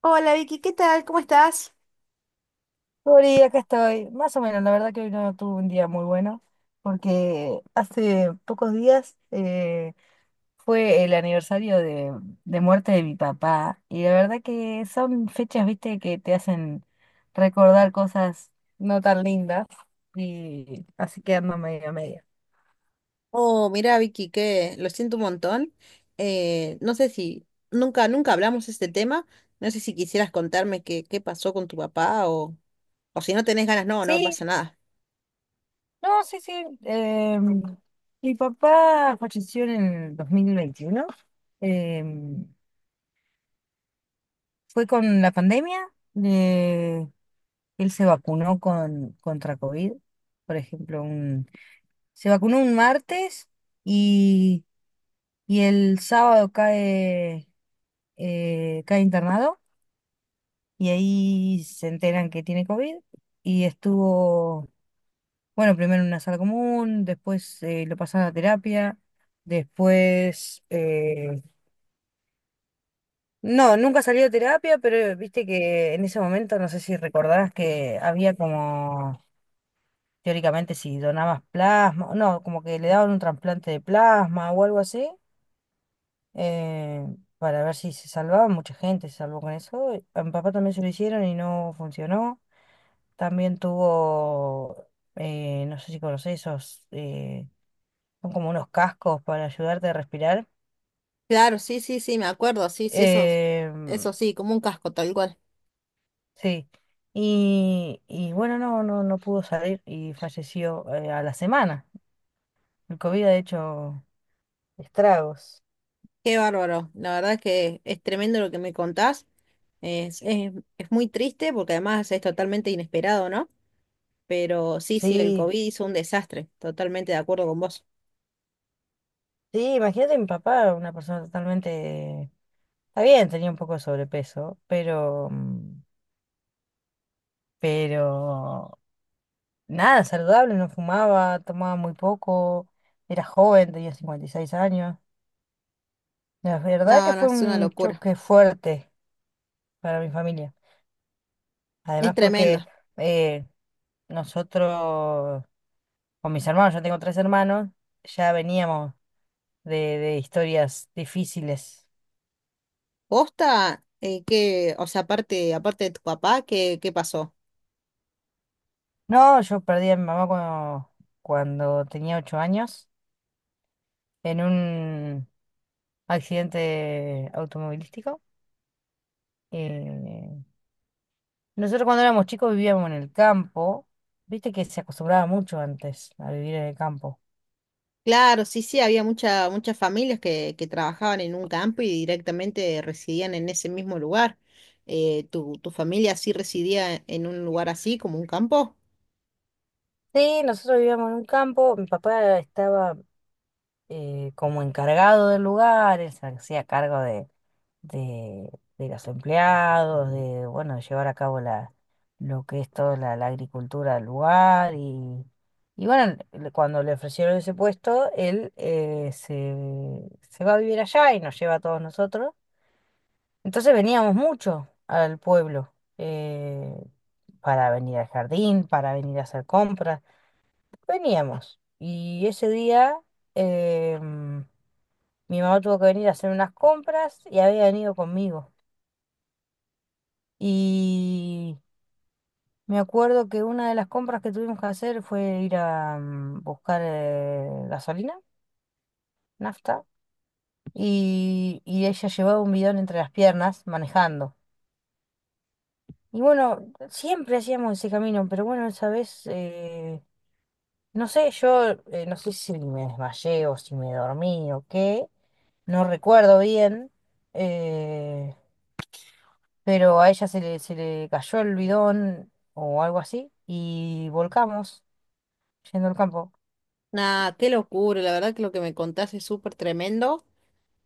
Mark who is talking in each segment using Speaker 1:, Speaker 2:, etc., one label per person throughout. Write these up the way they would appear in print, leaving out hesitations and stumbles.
Speaker 1: Hola Vicky, ¿qué tal? ¿Cómo estás?
Speaker 2: Sorry, acá estoy. Más o menos, la verdad que hoy no tuve un día muy bueno, porque hace pocos días fue el aniversario de muerte de mi papá. Y la verdad que son fechas, viste, que te hacen recordar cosas no tan lindas. Y así que ando media media.
Speaker 1: Oh, mira, Vicky, que lo siento un montón. No sé si nunca hablamos de este tema. No sé si quisieras contarme qué pasó con tu papá o si no tenés ganas, no, no
Speaker 2: Sí,
Speaker 1: pasa nada.
Speaker 2: no, sí, sí. Mi papá falleció en el 2021. em, Fue con la pandemia. Él se vacunó contra COVID, por ejemplo, se vacunó un martes y, y el sábado cae, cae internado y ahí se enteran que tiene COVID y estuvo, bueno, primero en una sala común, después lo pasaron a terapia, después, no, nunca salió de terapia, pero viste que en ese momento, no sé si recordarás que había como teóricamente si donabas plasma, no, como que le daban un trasplante de plasma o algo así, eh, para ver si se salvaba, mucha gente se salvó con eso. A mi papá también se lo hicieron y no funcionó. También tuvo, no sé si conocés esos, son como unos cascos para ayudarte a respirar.
Speaker 1: Claro, sí, sí, sí, me acuerdo. Sí, sí, eso,
Speaker 2: Em,
Speaker 1: eso sí, como un casco, tal cual.
Speaker 2: sí. Y bueno, no, no, no pudo salir y falleció a la semana. El COVID ha hecho estragos.
Speaker 1: Qué bárbaro. La verdad es que es tremendo lo que me contás. Es, es, es muy triste porque además es totalmente inesperado, ¿no? Pero sí, sí, el
Speaker 2: Sí,
Speaker 1: COVID hizo un desastre. Totalmente de acuerdo con vos.
Speaker 2: sí, imagínate mi papá, una persona totalmente... Está bien, tenía un poco de sobrepeso, pero... pero... Nada, saludable, no fumaba, tomaba muy poco, era joven, tenía 56 años. La verdad
Speaker 1: No,
Speaker 2: que
Speaker 1: no,
Speaker 2: fue
Speaker 1: es una
Speaker 2: un
Speaker 1: locura.
Speaker 2: choque fuerte para mi familia.
Speaker 1: Es
Speaker 2: Además porque
Speaker 1: tremendo.
Speaker 2: eh, nosotros, con mis hermanos, yo tengo tres hermanos, ya veníamos de historias difíciles.
Speaker 1: Posta, que, o sea, aparte de tu papá, qué pasó?
Speaker 2: No, yo perdí a mi mamá cuando, cuando tenía 8 años. En un accidente automovilístico. Eh, Nosotros cuando éramos chicos vivíamos en el campo. Viste que se acostumbraba mucho antes a vivir en el campo.
Speaker 1: Claro, sí, sí, había muchas familias que trabajaban en un campo y directamente residían en ese mismo lugar. Tu familia sí residía en un lugar así, como un campo?
Speaker 2: Sí, nosotros vivíamos en un campo. Mi papá estaba como encargado del lugar, él se hacía cargo de, de los empleados, de bueno, llevar a cabo lo que es toda la agricultura del lugar. Y bueno, cuando le ofrecieron ese puesto, él se va a vivir allá y nos lleva a todos nosotros. Entonces veníamos mucho al pueblo, para venir al jardín, para venir a hacer compras. Veníamos. Y ese día em, mi mamá tuvo que venir a hacer unas compras y había venido conmigo. Y me acuerdo que una de las compras que tuvimos que hacer fue ir a buscar gasolina, nafta, y ella llevaba un bidón entre las piernas manejando. Y bueno, siempre hacíamos ese camino, pero bueno, esa vez, no sé, yo no sé si me desmayé o si me dormí o qué, no recuerdo bien. eh, pero a ella se le cayó el bidón o algo así y volcamos yendo al campo.
Speaker 1: Nah, qué locura, la verdad que lo que me contaste es súper tremendo.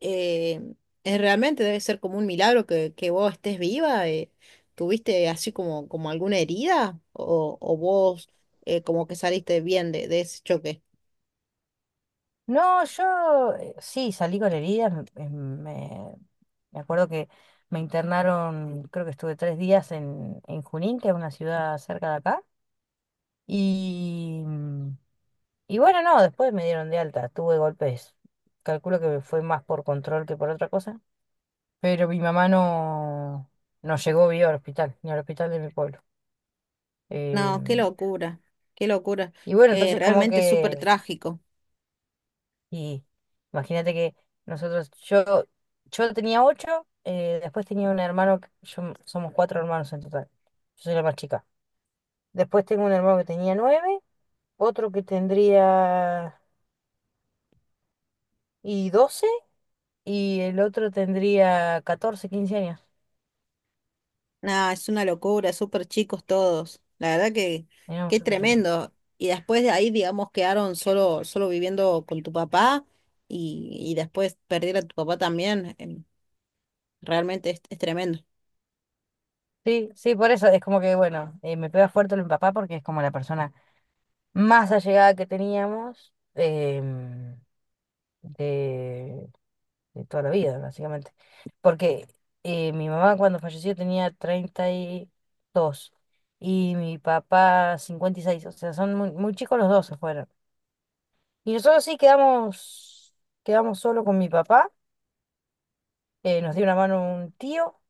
Speaker 1: eh, es realmente debe ser como un milagro que vos estés viva. ¿Tuviste así como alguna herida? O vos como que saliste bien de ese choque?
Speaker 2: No, yo sí salí con heridas, me acuerdo que me internaron, creo que estuve 3 días en Junín, que es una ciudad cerca de acá, y, mm, y bueno, no, después me dieron de alta, tuve golpes, calculo que fue más por control que por otra cosa, pero mi mamá no, no llegó viva al hospital, ni al hospital de mi pueblo.
Speaker 1: No, qué
Speaker 2: Em,
Speaker 1: locura, qué locura.
Speaker 2: Y bueno, entonces como
Speaker 1: Realmente es súper
Speaker 2: que,
Speaker 1: trágico.
Speaker 2: y imagínate que nosotros, yo tenía 8, después tenía un hermano, somos cuatro hermanos en total, yo soy la más chica. Después tengo un hermano que tenía 9, otro que tendría y 12, y el otro tendría 14, 15 años.
Speaker 1: Nada, es una locura, súper chicos todos. La verdad que
Speaker 2: Éramos
Speaker 1: qué
Speaker 2: súper chicos.
Speaker 1: tremendo. Y después de ahí, digamos, quedaron solo viviendo con tu papá y después perder a tu papá también. Realmente es tremendo.
Speaker 2: Sí, sí, por eso es como que, bueno, me pega fuerte lo de mi papá porque es como la persona más allegada que teníamos. De, de toda la vida, básicamente. Porque mi mamá cuando falleció tenía 32 y mi papá 56, o sea, son muy, muy chicos los dos se fueron. Y nosotros sí quedamos, quedamos solo con mi papá, nos dio una mano un tío,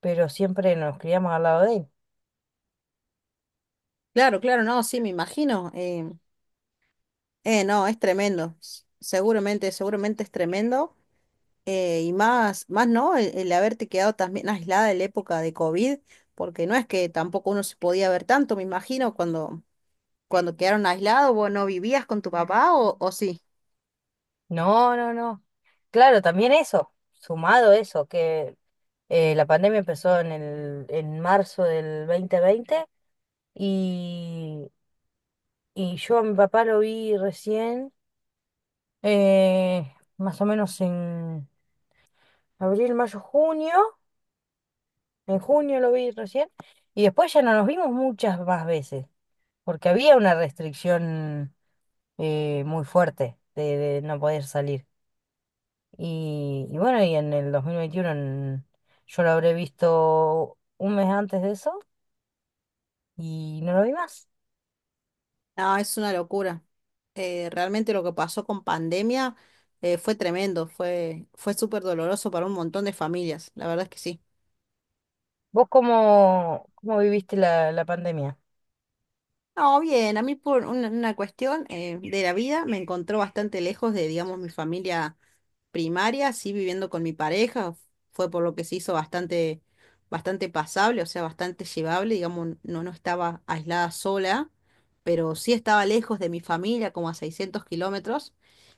Speaker 2: pero siempre nos criamos al lado de él.
Speaker 1: Claro, claro, no, sí, me imagino. No, es tremendo. Seguramente, seguramente es tremendo. Y más no, el haberte quedado también aislada en la época de COVID, porque no es que tampoco uno se podía ver tanto, me imagino, cuando quedaron aislados, vos no vivías con tu papá o sí.
Speaker 2: No, no, no. Claro, también eso, sumado eso, que la pandemia empezó en el, en marzo del 2020 y... Y yo a mi papá lo vi recién, más o menos en abril, mayo, junio. En junio lo vi recién. Y después ya no nos vimos muchas más veces, porque había una restricción muy fuerte de no poder salir. Y bueno, y en el 2021 en-, yo lo habré visto un mes antes de eso y no lo vi más.
Speaker 1: No, es una locura. Realmente lo que pasó con pandemia fue tremendo, fue súper doloroso para un montón de familias, la verdad es que sí.
Speaker 2: ¿Vos cómo, cómo viviste la, la pandemia?
Speaker 1: No, bien, a mí por una cuestión de la vida me encontró bastante lejos de, digamos, mi familia primaria, sí viviendo con mi pareja, fue por lo que se hizo bastante pasable, o sea, bastante llevable, digamos, no, no estaba aislada sola, pero sí estaba lejos de mi familia, como a 600 km,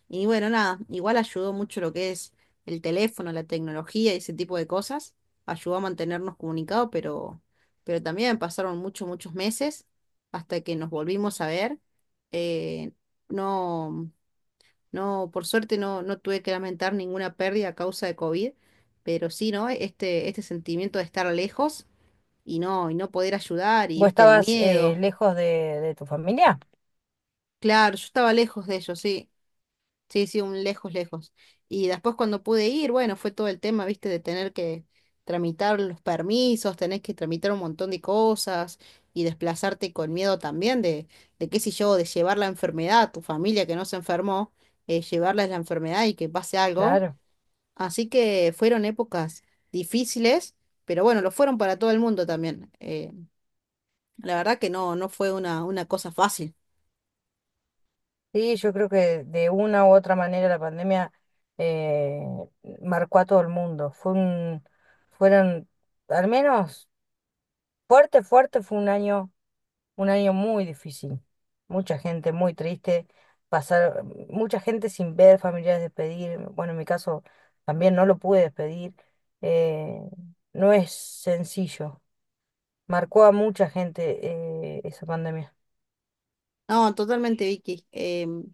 Speaker 1: y bueno, nada, igual ayudó mucho lo que es el teléfono, la tecnología y ese tipo de cosas, ayudó a mantenernos comunicados, pero también pasaron muchos meses hasta que nos volvimos a ver. eh, no. No, por suerte no, no tuve que lamentar ninguna pérdida a causa de COVID, pero sí, ¿no? Este sentimiento de estar lejos y y no poder ayudar, y
Speaker 2: ¿Vos
Speaker 1: viste, el
Speaker 2: estabas
Speaker 1: miedo.
Speaker 2: lejos de tu familia?
Speaker 1: Claro, yo estaba lejos de ellos, sí. Sí, sí, un lejos, lejos. Y después cuando pude ir, bueno, fue todo el tema, viste, de tener que tramitar los permisos, tenés que tramitar un montón de cosas y desplazarte con miedo también de qué sé yo, de llevar la enfermedad a tu familia que no se enfermó, llevarles la enfermedad y que pase algo.
Speaker 2: Claro,
Speaker 1: Así que fueron épocas difíciles, pero bueno, lo fueron para todo el mundo también. La verdad que no, no fue una cosa fácil.
Speaker 2: sí, yo creo que de una u otra manera la pandemia eh, marcó a todo el mundo. Fue un, fueron, al menos fuerte, fuerte, fue un año muy difícil. Mucha gente muy triste, pasar, mucha gente sin ver familiares despedir. Bueno, en mi caso también no lo pude despedir. Eh, no es sencillo. Marcó a mucha gente, esa pandemia.
Speaker 1: No, totalmente, Vicky. Em,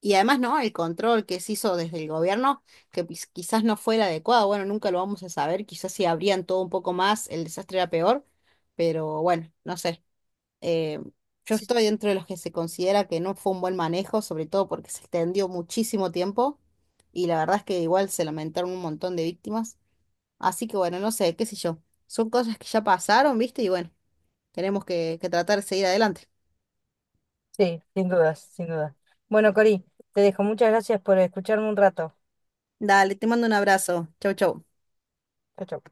Speaker 1: y además, ¿no? El control que se hizo desde el gobierno, que pues quizás no fue el adecuado, bueno, nunca lo vamos a saber, quizás si abrían todo un poco más, el desastre era peor, pero bueno, no sé. Em, yo estoy dentro de los que se considera que no fue un buen manejo, sobre todo porque se extendió muchísimo tiempo y la verdad es que igual se lamentaron un montón de víctimas. Así que bueno, no sé, qué sé yo. Son cosas que ya pasaron, ¿viste? Y bueno, tenemos que tratar de seguir adelante.
Speaker 2: Sí, sin dudas, sin dudas. Bueno, Cori, te dejo. Muchas gracias por escucharme un rato.
Speaker 1: Dale, te mando un abrazo. Chau, chau.
Speaker 2: Chau, chau.